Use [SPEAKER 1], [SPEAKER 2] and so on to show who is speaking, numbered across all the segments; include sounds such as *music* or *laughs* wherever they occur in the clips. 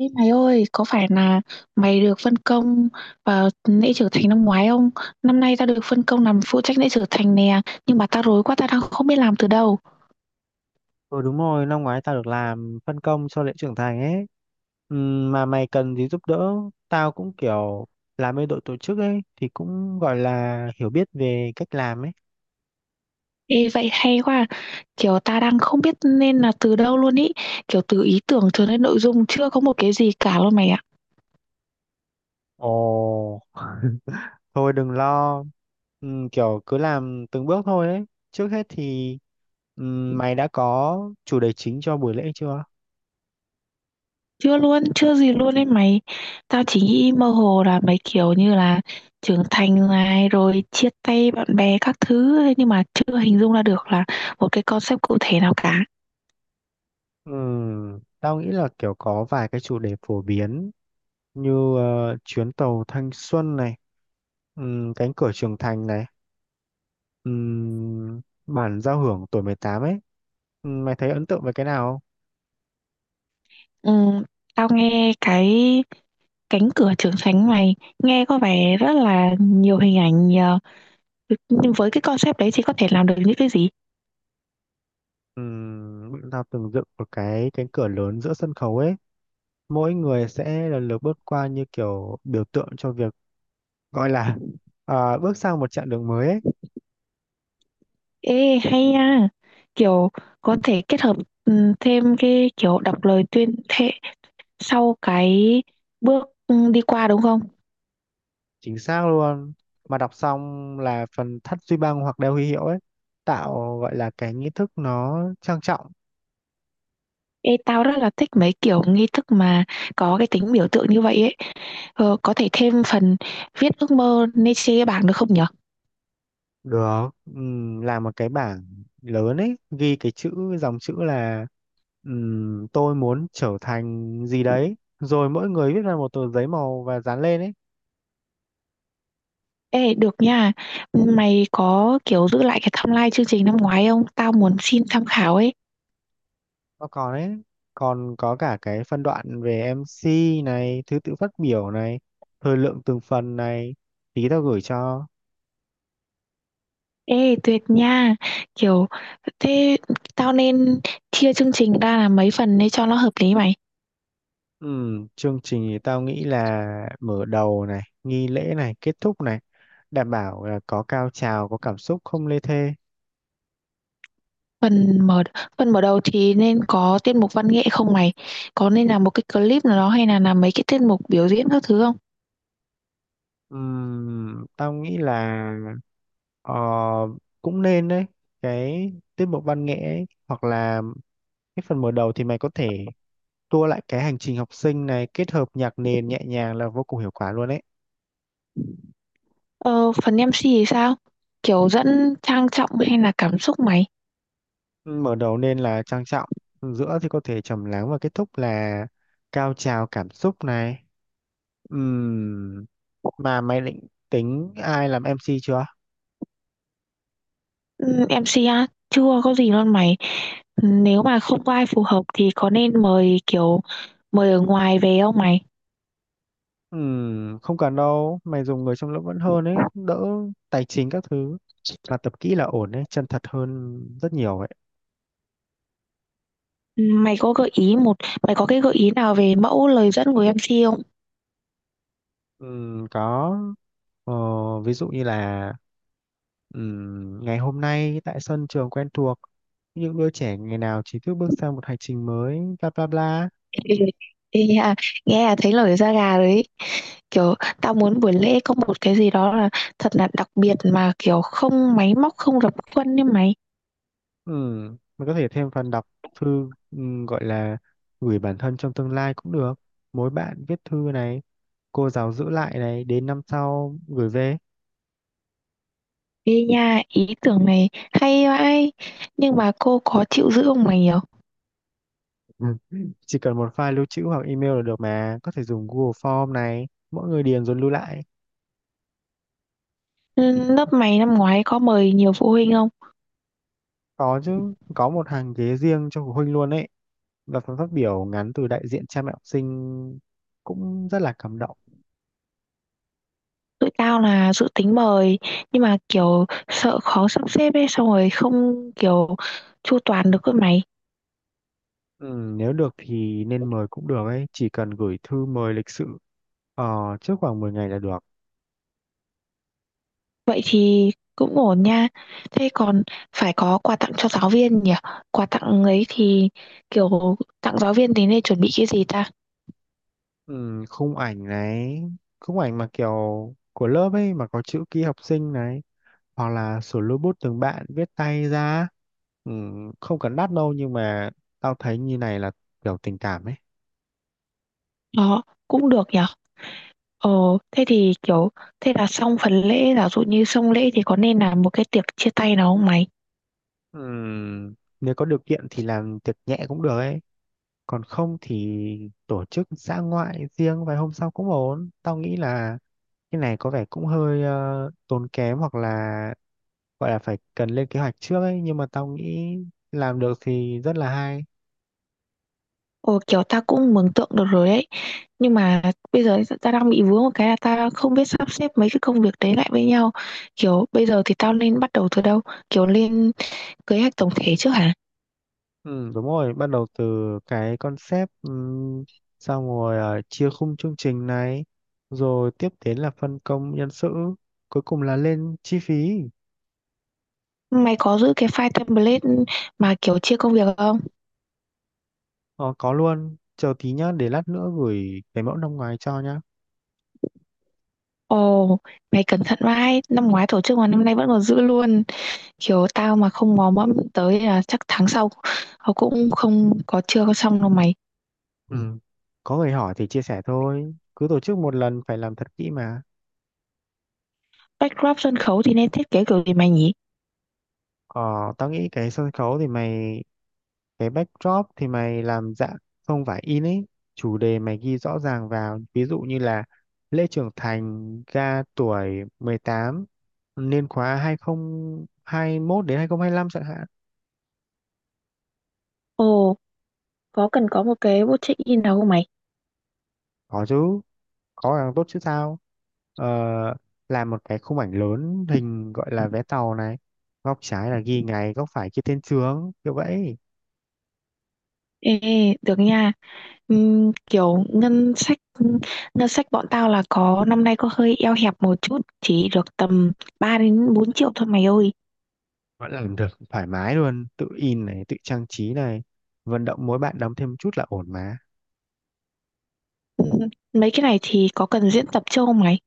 [SPEAKER 1] Ê mày ơi, có phải là mày được phân công vào lễ trưởng thành năm ngoái không? Năm nay tao được phân công làm phụ trách lễ trưởng thành nè, nhưng mà tao rối quá, tao đang không biết làm từ đâu.
[SPEAKER 2] Ừ, đúng rồi, năm ngoái tao được làm phân công cho lễ trưởng thành ấy. Mà mày cần gì giúp đỡ, tao cũng kiểu làm bên đội tổ chức ấy thì cũng gọi là hiểu biết về cách làm ấy.
[SPEAKER 1] Ê vậy hay quá, à. Kiểu ta đang không biết nên là từ đâu luôn ý, kiểu từ ý tưởng cho đến nội dung chưa có một cái gì cả luôn mày ạ.
[SPEAKER 2] Ồ, thôi đừng lo. Kiểu cứ làm từng bước thôi ấy. Trước hết thì mày đã có chủ đề chính cho buổi lễ chưa?
[SPEAKER 1] Chưa luôn, chưa gì luôn ấy mày. Tao chỉ nghĩ mơ hồ là mấy kiểu như là trưởng thành này rồi chia tay bạn bè các thứ ấy, nhưng mà chưa hình dung ra được là một cái concept cụ thể nào cả.
[SPEAKER 2] Tao nghĩ là kiểu có vài cái chủ đề phổ biến như chuyến tàu thanh xuân này, cánh cửa trưởng thành này. Bản giao hưởng tuổi 18 ấy. Mày thấy ấn tượng với cái nào không?
[SPEAKER 1] Ừ, tao nghe cái cánh cửa trưởng thành này nghe có vẻ rất là nhiều hình ảnh nhờ. Nhưng với cái concept đấy thì có thể làm được những cái gì?
[SPEAKER 2] Bọn tao từng dựng một cái cánh cửa lớn giữa sân khấu ấy, mỗi người sẽ lần lượt bước qua như kiểu biểu tượng cho việc gọi là *laughs* à, bước sang một chặng đường mới ấy.
[SPEAKER 1] Ê hay nha. Kiểu có thể kết hợp ừ, thêm cái kiểu đọc lời tuyên thệ sau cái bước đi qua đúng không?
[SPEAKER 2] Chính xác luôn, mà đọc xong là phần thắt duy băng hoặc đeo huy hiệu ấy, tạo gọi là cái nghi thức nó trang trọng.
[SPEAKER 1] Ê tao rất là thích mấy kiểu nghi thức mà có cái tính biểu tượng như vậy ấy. Ờ, có thể thêm phần viết ước mơ lên trên cái bảng được không nhỉ?
[SPEAKER 2] Được, làm một cái bảng lớn ấy, ghi cái chữ, dòng chữ là tôi muốn trở thành gì đấy. Rồi mỗi người viết ra một tờ giấy màu và dán lên ấy.
[SPEAKER 1] Ê, được nha. Mày có kiểu giữ lại cái timeline chương trình năm ngoái không? Tao muốn xin tham khảo ấy.
[SPEAKER 2] Nó còn ấy, còn có cả cái phân đoạn về MC này, thứ tự phát biểu này, thời lượng từng phần này, tí tao gửi cho.
[SPEAKER 1] Ê, tuyệt nha. Kiểu, thế tao nên chia chương trình ra là mấy phần để cho nó hợp lý mày.
[SPEAKER 2] Chương trình thì tao nghĩ là mở đầu này, nghi lễ này, kết thúc này, đảm bảo là có cao trào, có cảm xúc, không lê thê.
[SPEAKER 1] Phần mở Phần mở đầu thì nên có tiết mục văn nghệ không mày? Có nên là một cái clip nào đó hay là làm mấy cái tiết mục biểu diễn các thứ không?
[SPEAKER 2] Tao nghĩ là ờ, cũng nên đấy, cái tiết mục văn nghệ ấy, hoặc là cái phần mở đầu thì mày có thể tua lại cái hành trình học sinh này kết hợp nhạc nền nhẹ nhàng là vô cùng hiệu quả luôn đấy.
[SPEAKER 1] Ờ, phần MC thì sao? Kiểu dẫn trang trọng hay là cảm xúc mày?
[SPEAKER 2] Mở đầu nên là trang trọng, giữa thì có thể trầm lắng và kết thúc là cao trào cảm xúc này. Ừm, mà mày định tính ai làm MC chưa?
[SPEAKER 1] Ừ, MCA chưa có gì luôn mày, nếu mà không có ai phù hợp thì có nên mời kiểu mời ở ngoài về không mày?
[SPEAKER 2] Không cần đâu, mày dùng người trong lớp vẫn hơn ấy, đỡ tài chính các thứ. Mà tập kỹ là ổn ấy, chân thật hơn rất nhiều ấy.
[SPEAKER 1] Mày có gợi ý một Mày có cái gợi ý nào về mẫu lời dẫn của em MC không?
[SPEAKER 2] Có, ờ, ví dụ như là ngày hôm nay tại sân trường quen thuộc, những đứa trẻ ngày nào chỉ thức bước sang một hành trình mới, bla bla bla.
[SPEAKER 1] Ê, ê à, nghe là thấy nổi da gà đấy, kiểu tao muốn buổi lễ có một cái gì đó là thật là đặc biệt mà kiểu không máy móc không rập khuôn như mày.
[SPEAKER 2] Mình có thể thêm phần đọc thư gọi là gửi bản thân trong tương lai cũng được. Mỗi bạn viết thư này, cô giáo giữ lại này, đến năm sau gửi về.
[SPEAKER 1] Ê nha, ý tưởng này hay vãi, nhưng mà cô có chịu giữ không mày nhở?
[SPEAKER 2] Ừ. Chỉ cần một file lưu trữ hoặc email là được, mà có thể dùng Google Form này, mỗi người điền rồi lưu lại.
[SPEAKER 1] Ừ, lớp mày năm ngoái có mời nhiều phụ huynh không?
[SPEAKER 2] Có chứ, có một hàng ghế riêng cho phụ huynh luôn ấy, và phần phát biểu ngắn từ đại diện cha mẹ học sinh cũng rất là cảm động.
[SPEAKER 1] Tụi tao là dự tính mời nhưng mà kiểu sợ khó sắp xếp ấy, xong rồi không kiểu chu toàn được cơ mày.
[SPEAKER 2] ừ, Nếu được thì nên mời cũng được ấy, chỉ cần gửi thư mời lịch sự, trước khoảng 10 ngày là được.
[SPEAKER 1] Vậy thì cũng ổn nha. Thế còn phải có quà tặng cho giáo viên nhỉ, quà tặng ấy thì kiểu tặng giáo viên thì nên chuẩn bị cái gì ta?
[SPEAKER 2] Ừ, Khung ảnh này, khung ảnh mà kiểu của lớp ấy mà có chữ ký học sinh này, hoặc là sửa robot từng bạn viết tay ra. ừ, Không cần đắt đâu, nhưng mà tao thấy như này là kiểu tình cảm ấy.
[SPEAKER 1] Đó cũng được nhỉ. Ờ, thế thì kiểu thế là xong phần lễ, giả dụ như xong lễ thì có nên làm một cái tiệc chia tay nào không mày?
[SPEAKER 2] ừ, Nếu có điều kiện thì làm tiệc nhẹ cũng được ấy, còn không thì tổ chức dã ngoại riêng vài hôm sau cũng ổn. Tao nghĩ là cái này có vẻ cũng hơi tốn kém, hoặc là gọi là phải cần lên kế hoạch trước ấy, nhưng mà tao nghĩ làm được thì rất là hay.
[SPEAKER 1] Ồ, kiểu ta cũng mường tượng được rồi ấy, nhưng mà bây giờ ta đang bị vướng một cái là ta không biết sắp xếp mấy cái công việc đấy lại với nhau, kiểu bây giờ thì tao nên bắt đầu từ đâu, kiểu lên kế hoạch tổng thể trước hả?
[SPEAKER 2] Ừ, đúng rồi, bắt đầu từ cái concept, xong rồi chia khung chương trình này, rồi tiếp đến là phân công nhân sự, cuối cùng là lên chi phí.
[SPEAKER 1] Mày có giữ cái file template mà kiểu chia công việc không?
[SPEAKER 2] Ờ, có luôn, chờ tí nhá, để lát nữa gửi cái mẫu năm ngoái cho nhá.
[SPEAKER 1] Ồ, mày cẩn thận vãi, năm ngoái tổ chức mà năm nay vẫn còn giữ luôn, kiểu tao mà không mò mẫm tới là chắc tháng sau họ cũng không có chưa có xong đâu mày.
[SPEAKER 2] Ừ. Có người hỏi thì chia sẻ thôi, cứ tổ chức một lần phải làm thật kỹ mà.
[SPEAKER 1] Backdrop sân khấu thì nên thiết kế kiểu gì mày nhỉ?
[SPEAKER 2] Ờ, tao nghĩ cái sân khấu thì mày, cái backdrop thì mày làm dạng không phải in ấy, chủ đề mày ghi rõ ràng vào, ví dụ như là lễ trưởng thành ga tuổi 18, niên khóa 2021 đến 2025 chẳng hạn.
[SPEAKER 1] Ồ, có cần có một cái bộ check-in nào không mày?
[SPEAKER 2] Có chứ, có càng tốt chứ sao. ờ, làm một cái khung ảnh lớn hình gọi là vé tàu này, góc trái là ghi ngày, góc phải ghi tên trường kiểu vậy.
[SPEAKER 1] Ê, được nha. Kiểu ngân sách, ngân sách bọn tao là có năm nay có hơi eo hẹp một chút, chỉ được tầm 3 đến 4 triệu thôi mày ơi.
[SPEAKER 2] Vẫn làm được thoải mái luôn, tự in này, tự trang trí này, vận động mỗi bạn đóng thêm một chút là ổn mà.
[SPEAKER 1] Ừm, Mấy cái này thì có cần diễn tập chưa không mày?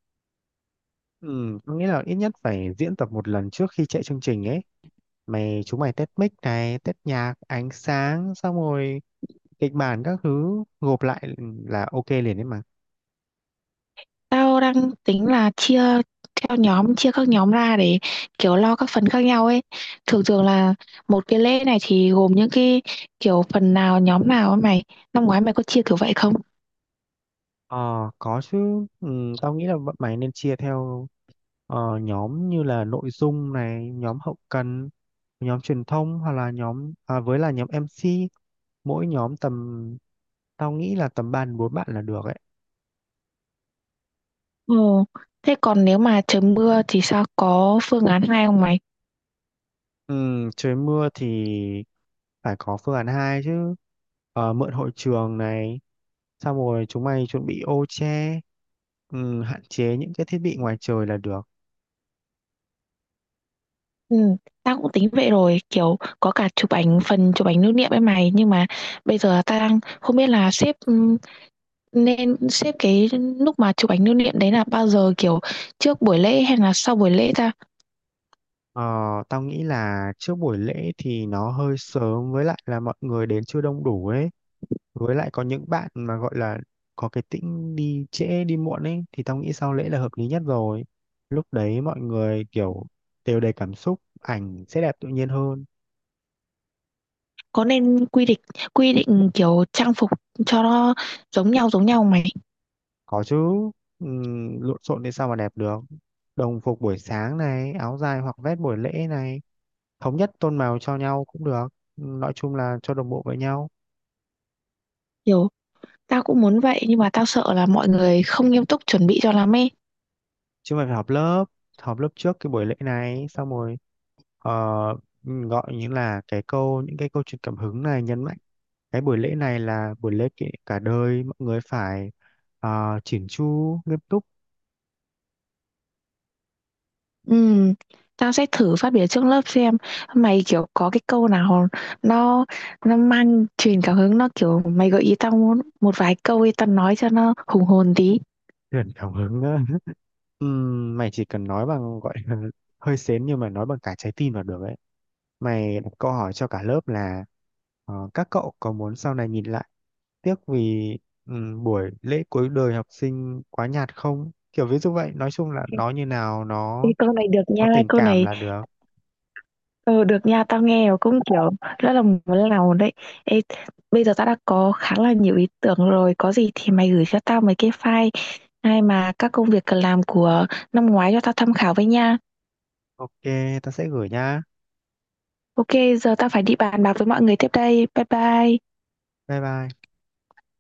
[SPEAKER 2] Ừ, có nghĩa là ít nhất phải diễn tập một lần trước khi chạy chương trình ấy. Chúng mày test mic này, test nhạc, ánh sáng, xong rồi kịch bản các thứ gộp lại là ok liền đấy mà.
[SPEAKER 1] Tao đang tính là chia theo nhóm, chia các nhóm ra để kiểu lo các phần khác nhau ấy. Thường thường là một cái lễ này thì gồm những cái kiểu phần nào, nhóm nào ấy mày. Năm ngoái mày có chia kiểu vậy không?
[SPEAKER 2] Ờ, có chứ. Ừ, tao nghĩ là bọn mày nên chia theo nhóm như là nội dung này, nhóm hậu cần, nhóm truyền thông, hoặc là nhóm à, với là nhóm MC, mỗi nhóm tầm tao nghĩ là tầm ba đến bốn bạn là được ấy.
[SPEAKER 1] Ồ, thế còn nếu mà trời mưa thì sao, có phương án hai không mày?
[SPEAKER 2] Ừ, trời mưa thì phải có phương án 2 chứ. Ờ, mượn hội trường này, xong rồi chúng mày chuẩn bị ô che, ừ, hạn chế những cái thiết bị ngoài trời là được.
[SPEAKER 1] Ừ, tao cũng tính vậy rồi, kiểu có cả chụp ảnh phần chụp ảnh lưu niệm ấy mày, nhưng mà bây giờ tao đang không biết là xếp nên xếp cái lúc mà chụp ảnh lưu niệm đấy là bao giờ, kiểu trước buổi lễ hay là sau buổi lễ ta?
[SPEAKER 2] Ờ, tao nghĩ là trước buổi lễ thì nó hơi sớm, với lại là mọi người đến chưa đông đủ ấy. Với lại có những bạn mà gọi là có cái tính đi trễ đi muộn ấy, thì tao nghĩ sau lễ là hợp lý nhất rồi. Lúc đấy mọi người kiểu đều đầy cảm xúc, ảnh sẽ đẹp tự nhiên hơn.
[SPEAKER 1] Có nên quy định kiểu trang phục cho nó giống nhau không mày?
[SPEAKER 2] Có chứ, lộn xộn thì sao mà đẹp được. Đồng phục buổi sáng này, áo dài hoặc vest buổi lễ này, thống nhất tôn màu cho nhau cũng được. Nói chung là cho đồng bộ với nhau.
[SPEAKER 1] Kiểu tao cũng muốn vậy nhưng mà tao sợ là mọi người không nghiêm túc chuẩn bị cho lắm ấy.
[SPEAKER 2] Chứ mà phải họp lớp trước cái buổi lễ này, xong rồi ờ, gọi như là những cái câu chuyện cảm hứng này nhấn mạnh. Cái buổi lễ này là buổi lễ cả đời, mọi người phải chỉn chu, nghiêm túc.
[SPEAKER 1] Ừ, tao sẽ thử phát biểu trước lớp xem mày, kiểu có cái câu nào nó nó mang truyền cảm hứng, nó kiểu mày gợi ý tao muốn một vài câu thì tao nói cho nó hùng hồn tí.
[SPEAKER 2] Truyền cảm hứng. Á. *laughs* Mày chỉ cần nói bằng gọi là *laughs* hơi sến, nhưng mà nói bằng cả trái tim là được ấy. Mày đặt câu hỏi cho cả lớp là các cậu có muốn sau này nhìn lại tiếc vì buổi lễ cuối đời học sinh quá nhạt không? Kiểu ví dụ vậy, nói chung là nó như nào
[SPEAKER 1] Ê,
[SPEAKER 2] nó
[SPEAKER 1] câu này được nha
[SPEAKER 2] nó tình
[SPEAKER 1] câu
[SPEAKER 2] cảm
[SPEAKER 1] này.
[SPEAKER 2] là được.
[SPEAKER 1] Ờ, được nha, tao nghe rồi cũng kiểu rất là muốn làm đấy. Ê, bây giờ tao đã có khá là nhiều ý tưởng rồi, có gì thì mày gửi cho tao mấy cái file hay mà các công việc cần làm của năm ngoái cho tao tham khảo với nha.
[SPEAKER 2] Ok, ta sẽ gửi nha.
[SPEAKER 1] Ok, giờ tao phải đi bàn bạc với mọi người tiếp đây, bye bye.
[SPEAKER 2] Bye bye.